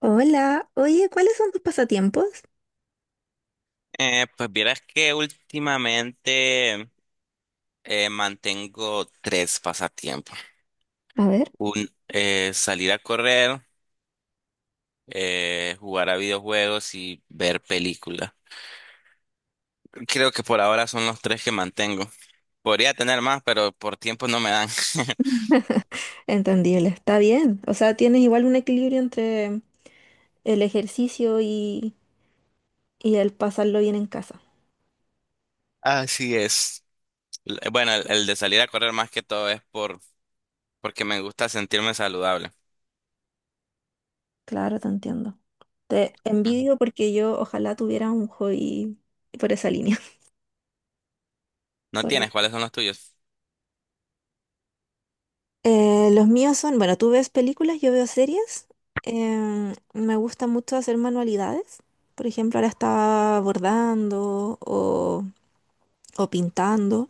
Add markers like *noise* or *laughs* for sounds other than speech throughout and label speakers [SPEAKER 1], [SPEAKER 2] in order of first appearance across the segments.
[SPEAKER 1] Hola, oye, ¿cuáles son tus pasatiempos?
[SPEAKER 2] Pues vieras que últimamente mantengo tres pasatiempos.
[SPEAKER 1] A ver.
[SPEAKER 2] Salir a correr, jugar a videojuegos y ver películas. Creo que por ahora son los tres que mantengo. Podría tener más, pero por tiempo no me dan. *laughs*
[SPEAKER 1] *laughs* Entendible, está bien. O sea, tienes igual un equilibrio entre el ejercicio y el pasarlo bien en casa.
[SPEAKER 2] Así es. Bueno, el de salir a correr más que todo es porque me gusta sentirme saludable.
[SPEAKER 1] Claro, te entiendo. Te
[SPEAKER 2] Ujú.
[SPEAKER 1] envidio porque yo ojalá tuviera un hobby por esa línea. *laughs*
[SPEAKER 2] ¿No
[SPEAKER 1] Soy-
[SPEAKER 2] tienes? ¿Cuáles son los tuyos?
[SPEAKER 1] Los míos son, bueno, tú ves películas, yo veo series. Me gusta mucho hacer manualidades. Por ejemplo, ahora estaba o pintando.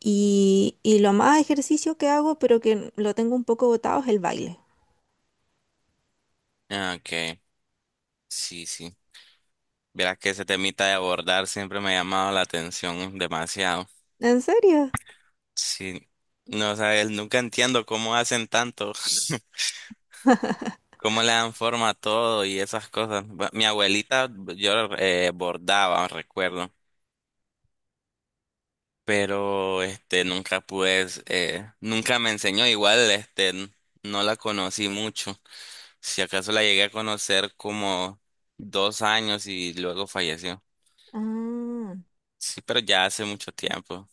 [SPEAKER 1] Y lo más ejercicio que hago, pero que lo tengo un poco botado, es el baile.
[SPEAKER 2] Ah, ok, sí, sí. Verás que ese temita de abordar siempre me ha llamado la atención demasiado.
[SPEAKER 1] ¿En serio?
[SPEAKER 2] Sí, no, o sea, él nunca entiendo cómo hacen tanto, *laughs* cómo le dan forma a todo y esas cosas. Mi abuelita, yo bordaba, recuerdo, pero este nunca pude, nunca me enseñó. Igual, este, no la conocí mucho. Si acaso la llegué a conocer como 2 años y luego falleció.
[SPEAKER 1] Ah,
[SPEAKER 2] Sí, pero ya hace mucho tiempo.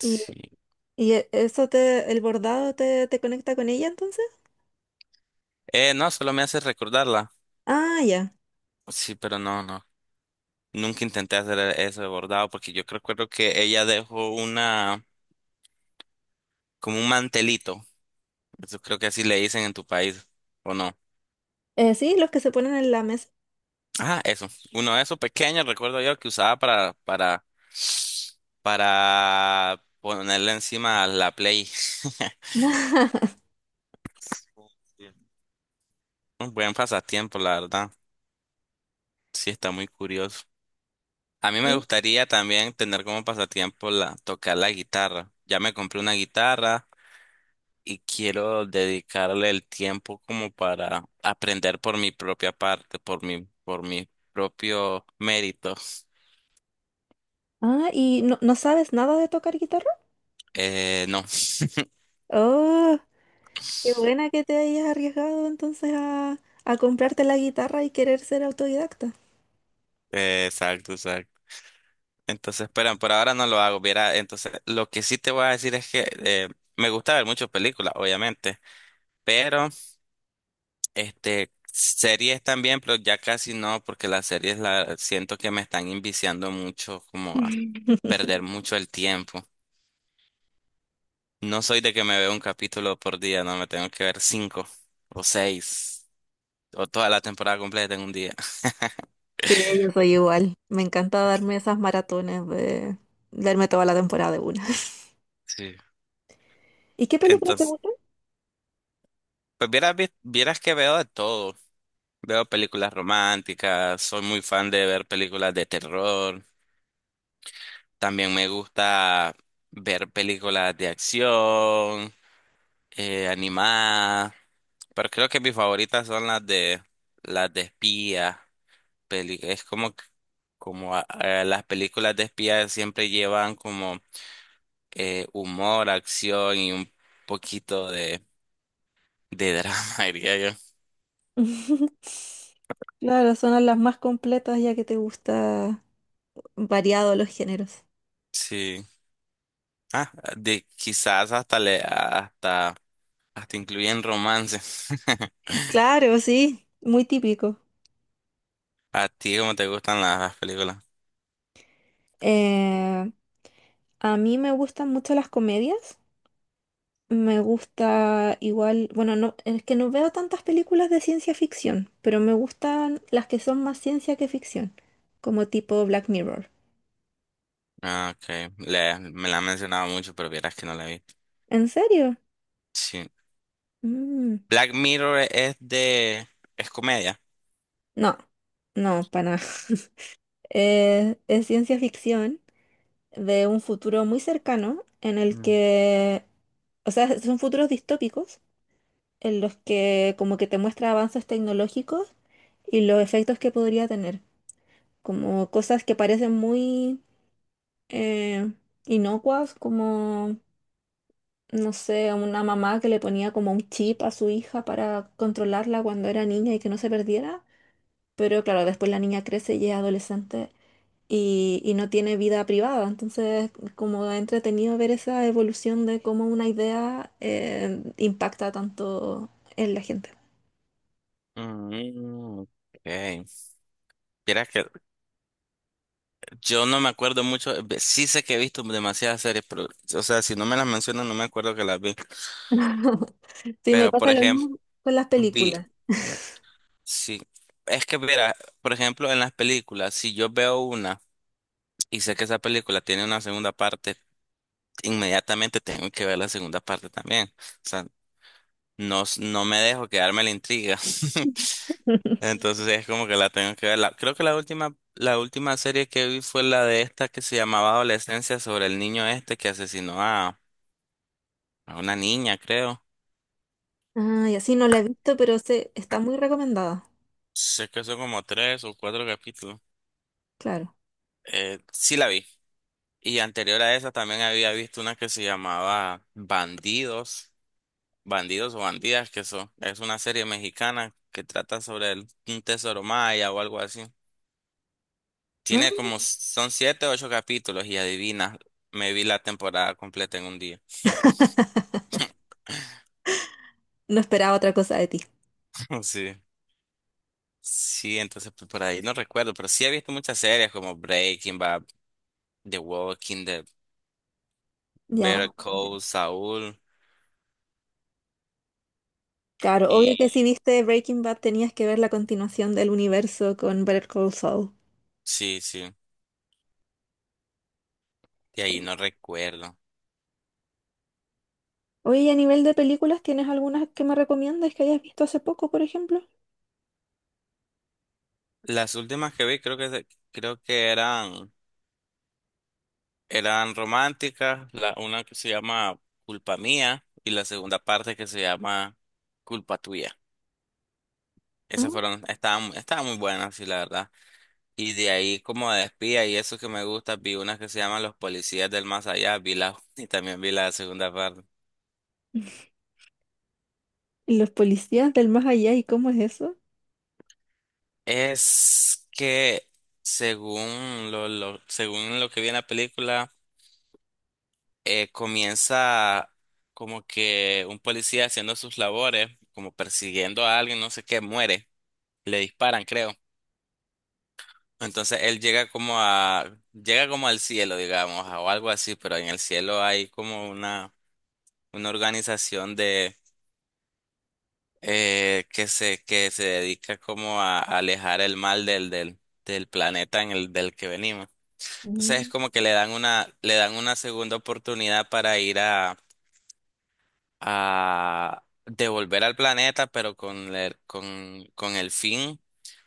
[SPEAKER 1] ¿y, y e- eso te, el bordado te, te conecta con ella entonces?
[SPEAKER 2] No, solo me hace recordarla.
[SPEAKER 1] Ah, ya.
[SPEAKER 2] Sí, pero no, no. Nunca intenté hacer eso de bordado porque yo creo que ella dejó una, como un mantelito. Eso creo que así le dicen en tu país, ¿o no?
[SPEAKER 1] Sí, los que se ponen en la mesa.
[SPEAKER 2] Ah, eso. Uno de esos pequeños, recuerdo yo, que usaba para ponerle encima a la Play. *laughs*
[SPEAKER 1] *laughs*
[SPEAKER 2] Un buen pasatiempo, la verdad. Sí, está muy curioso. A mí me
[SPEAKER 1] Sí.
[SPEAKER 2] gustaría también tener como pasatiempo tocar la guitarra. Ya me compré una guitarra. Y quiero dedicarle el tiempo como para aprender por mi propia parte, por mi propio mérito. *laughs*
[SPEAKER 1] Ah, ¿y no, no sabes nada de tocar guitarra?
[SPEAKER 2] No.
[SPEAKER 1] Oh, qué buena que te hayas arriesgado a comprarte la guitarra y querer ser autodidacta.
[SPEAKER 2] Exacto, exacto. Entonces, pero por ahora no lo hago. Viera, entonces, lo que sí te voy a decir es que me gusta ver muchas películas, obviamente, pero este series también, pero ya casi no, porque las series la siento que me están inviciando mucho, como a
[SPEAKER 1] *laughs*
[SPEAKER 2] perder mucho el tiempo. No soy de que me veo un capítulo por día, no, me tengo que ver cinco o seis o toda la temporada completa en un día. *laughs*
[SPEAKER 1] Sí, yo soy igual. Me encanta darme esas maratones de darme toda la temporada de una.
[SPEAKER 2] Sí.
[SPEAKER 1] *laughs* ¿Y qué películas te
[SPEAKER 2] Entonces,
[SPEAKER 1] gustan?
[SPEAKER 2] pues vieras, vieras que veo de todo. Veo películas románticas, soy muy fan de ver películas de terror. También me gusta ver películas de acción, animadas, pero creo que mis favoritas son las de espías. Es como a las películas de espías siempre llevan como humor, acción y un poquito de drama, *laughs* diría yo.
[SPEAKER 1] *laughs* Claro, son las más completas ya que te gusta variado los géneros.
[SPEAKER 2] Sí. Ah, de quizás hasta le hasta hasta incluyen romance. *laughs*
[SPEAKER 1] Claro, sí, muy típico.
[SPEAKER 2] ¿A ti cómo te gustan las películas?
[SPEAKER 1] Eh, a mí me gustan mucho las comedias. Me gusta igual, bueno, no, es que no veo tantas películas de ciencia ficción, pero me gustan las que son más ciencia que ficción, como tipo Black Mirror.
[SPEAKER 2] Ah, ok. Me la han mencionado mucho, pero vieras que no la vi.
[SPEAKER 1] ¿En serio?
[SPEAKER 2] Sí.
[SPEAKER 1] Mm.
[SPEAKER 2] Black Mirror es comedia.
[SPEAKER 1] No, no, para nada. *laughs* Es ciencia ficción de un futuro muy cercano en el que, o sea, son futuros distópicos en los que como que te muestra avances tecnológicos y los efectos que podría tener, como cosas que parecen muy eh, inocuas, como, no sé, una mamá que le ponía como un chip a su hija para controlarla cuando era niña y que no se perdiera, pero claro, después la niña crece y es adolescente. Y no tiene vida privada. Entonces, como entretenido ver esa evolución de cómo una idea impacta tanto en la gente.
[SPEAKER 2] Mm, ok. Vieras que yo no me acuerdo mucho. Sí sé que he visto demasiadas series, pero. O sea, si no me las mencionan, no me acuerdo que las vi.
[SPEAKER 1] *laughs* Sí, me
[SPEAKER 2] Pero, por
[SPEAKER 1] pasa lo
[SPEAKER 2] ejemplo,
[SPEAKER 1] mismo con las
[SPEAKER 2] vi.
[SPEAKER 1] películas.
[SPEAKER 2] Sí. Es que, mira, por ejemplo, en las películas, si yo veo una y sé que esa película tiene una segunda parte, inmediatamente tengo que ver la segunda parte también. O sea, no, no me dejo quedarme la intriga. *laughs*
[SPEAKER 1] *laughs*
[SPEAKER 2] Entonces es como que la tengo que ver. Creo que la última serie que vi fue la de esta que se llamaba Adolescencia sobre el niño este que asesinó a una niña, creo.
[SPEAKER 1] Ah, y así no la he visto, pero sé, está muy recomendada.
[SPEAKER 2] Sé que son como tres o cuatro capítulos.
[SPEAKER 1] Claro.
[SPEAKER 2] Sí la vi. Y anterior a esa también había visto una que se llamaba Bandidos, Bandidos o Bandidas, es una serie mexicana que trata sobre un tesoro maya o algo así.
[SPEAKER 1] Ah.
[SPEAKER 2] Tiene como, son siete o ocho capítulos y adivina, me vi la temporada completa en un día.
[SPEAKER 1] No esperaba otra cosa de ti.
[SPEAKER 2] *laughs* Sí. Sí, entonces pues, por ahí no recuerdo, pero sí he visto muchas series como Breaking Bad, The Walking Dead,
[SPEAKER 1] Ya.
[SPEAKER 2] Better
[SPEAKER 1] *laughs* Entiendo.
[SPEAKER 2] Call Saul
[SPEAKER 1] Claro, obvio
[SPEAKER 2] y
[SPEAKER 1] que si viste Breaking Bad tenías que ver la continuación del universo con Better Call Saul.
[SPEAKER 2] sí, sí, de ahí no recuerdo.
[SPEAKER 1] Oye, y a nivel de películas, ¿tienes algunas que me recomiendas que hayas visto hace poco, por ejemplo?
[SPEAKER 2] Las últimas que vi creo que creo que eran románticas, la una que se llama Culpa Mía y la segunda parte que se llama Culpa Tuya. Esas
[SPEAKER 1] Ah,
[SPEAKER 2] fueron estaban muy buenas, sí, la verdad. Y de ahí como de espía y eso que me gusta, vi unas que se llaman Los Policías del Más Allá, vi la *laughs* y también vi la segunda parte.
[SPEAKER 1] ¿y los policías del más allá? ¿Y cómo es eso?
[SPEAKER 2] Es que según lo que vi en la película, comienza como que un policía haciendo sus labores, como persiguiendo a alguien, no sé qué, muere, le disparan, creo. Entonces él llega como al cielo, digamos, o algo así, pero en el cielo hay como una organización que se dedica como a alejar el mal del planeta en el del que venimos. Entonces es
[SPEAKER 1] Mm.
[SPEAKER 2] como que le dan una segunda oportunidad para ir a devolver al planeta, pero con el fin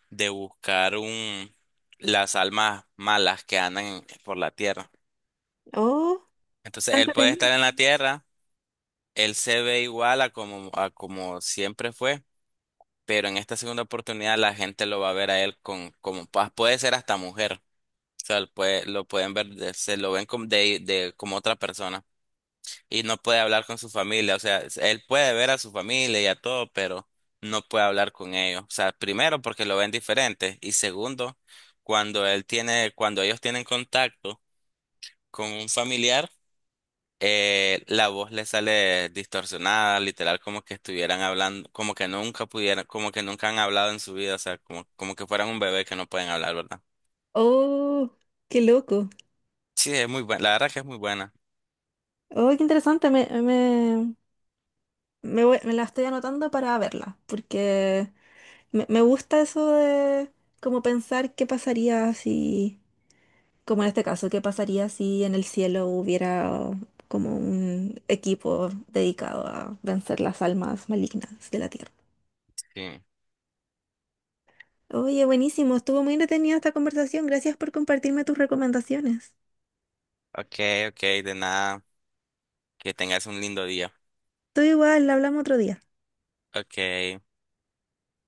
[SPEAKER 2] de buscar las almas malas que andan por la Tierra.
[SPEAKER 1] Oh.
[SPEAKER 2] Entonces
[SPEAKER 1] Tanto
[SPEAKER 2] él puede
[SPEAKER 1] entretenido.
[SPEAKER 2] estar en la Tierra, él se ve igual a como siempre fue, pero en esta segunda oportunidad la gente lo va a ver a él, puede ser hasta mujer. O sea, lo pueden ver, se lo ven como, como otra persona. Y no puede hablar con su familia. O sea, él puede ver a su familia y a todo, pero no puede hablar con ellos. O sea, primero porque lo ven diferente. Y segundo, cuando cuando ellos tienen contacto con un familiar, la voz le sale distorsionada, literal, como que estuvieran hablando, como que nunca pudieran, como que nunca han hablado en su vida, o sea, como que fueran un bebé que no pueden hablar, ¿verdad?
[SPEAKER 1] Oh, qué loco.
[SPEAKER 2] Sí, es muy buena, la verdad que es muy buena.
[SPEAKER 1] Oh, qué interesante. Me voy- me la estoy anotando para verla, porque me gusta eso de como pensar qué pasaría si, como en este caso, qué pasaría si en el cielo hubiera como un equipo dedicado a vencer las almas malignas de la tierra.
[SPEAKER 2] Sí.
[SPEAKER 1] Oye, buenísimo, estuvo muy entretenida esta conversación. Gracias por compartirme tus recomendaciones.
[SPEAKER 2] Ok, ok, de nada, que tengas un lindo día.
[SPEAKER 1] Tú igual, la hablamos otro día.
[SPEAKER 2] Ok.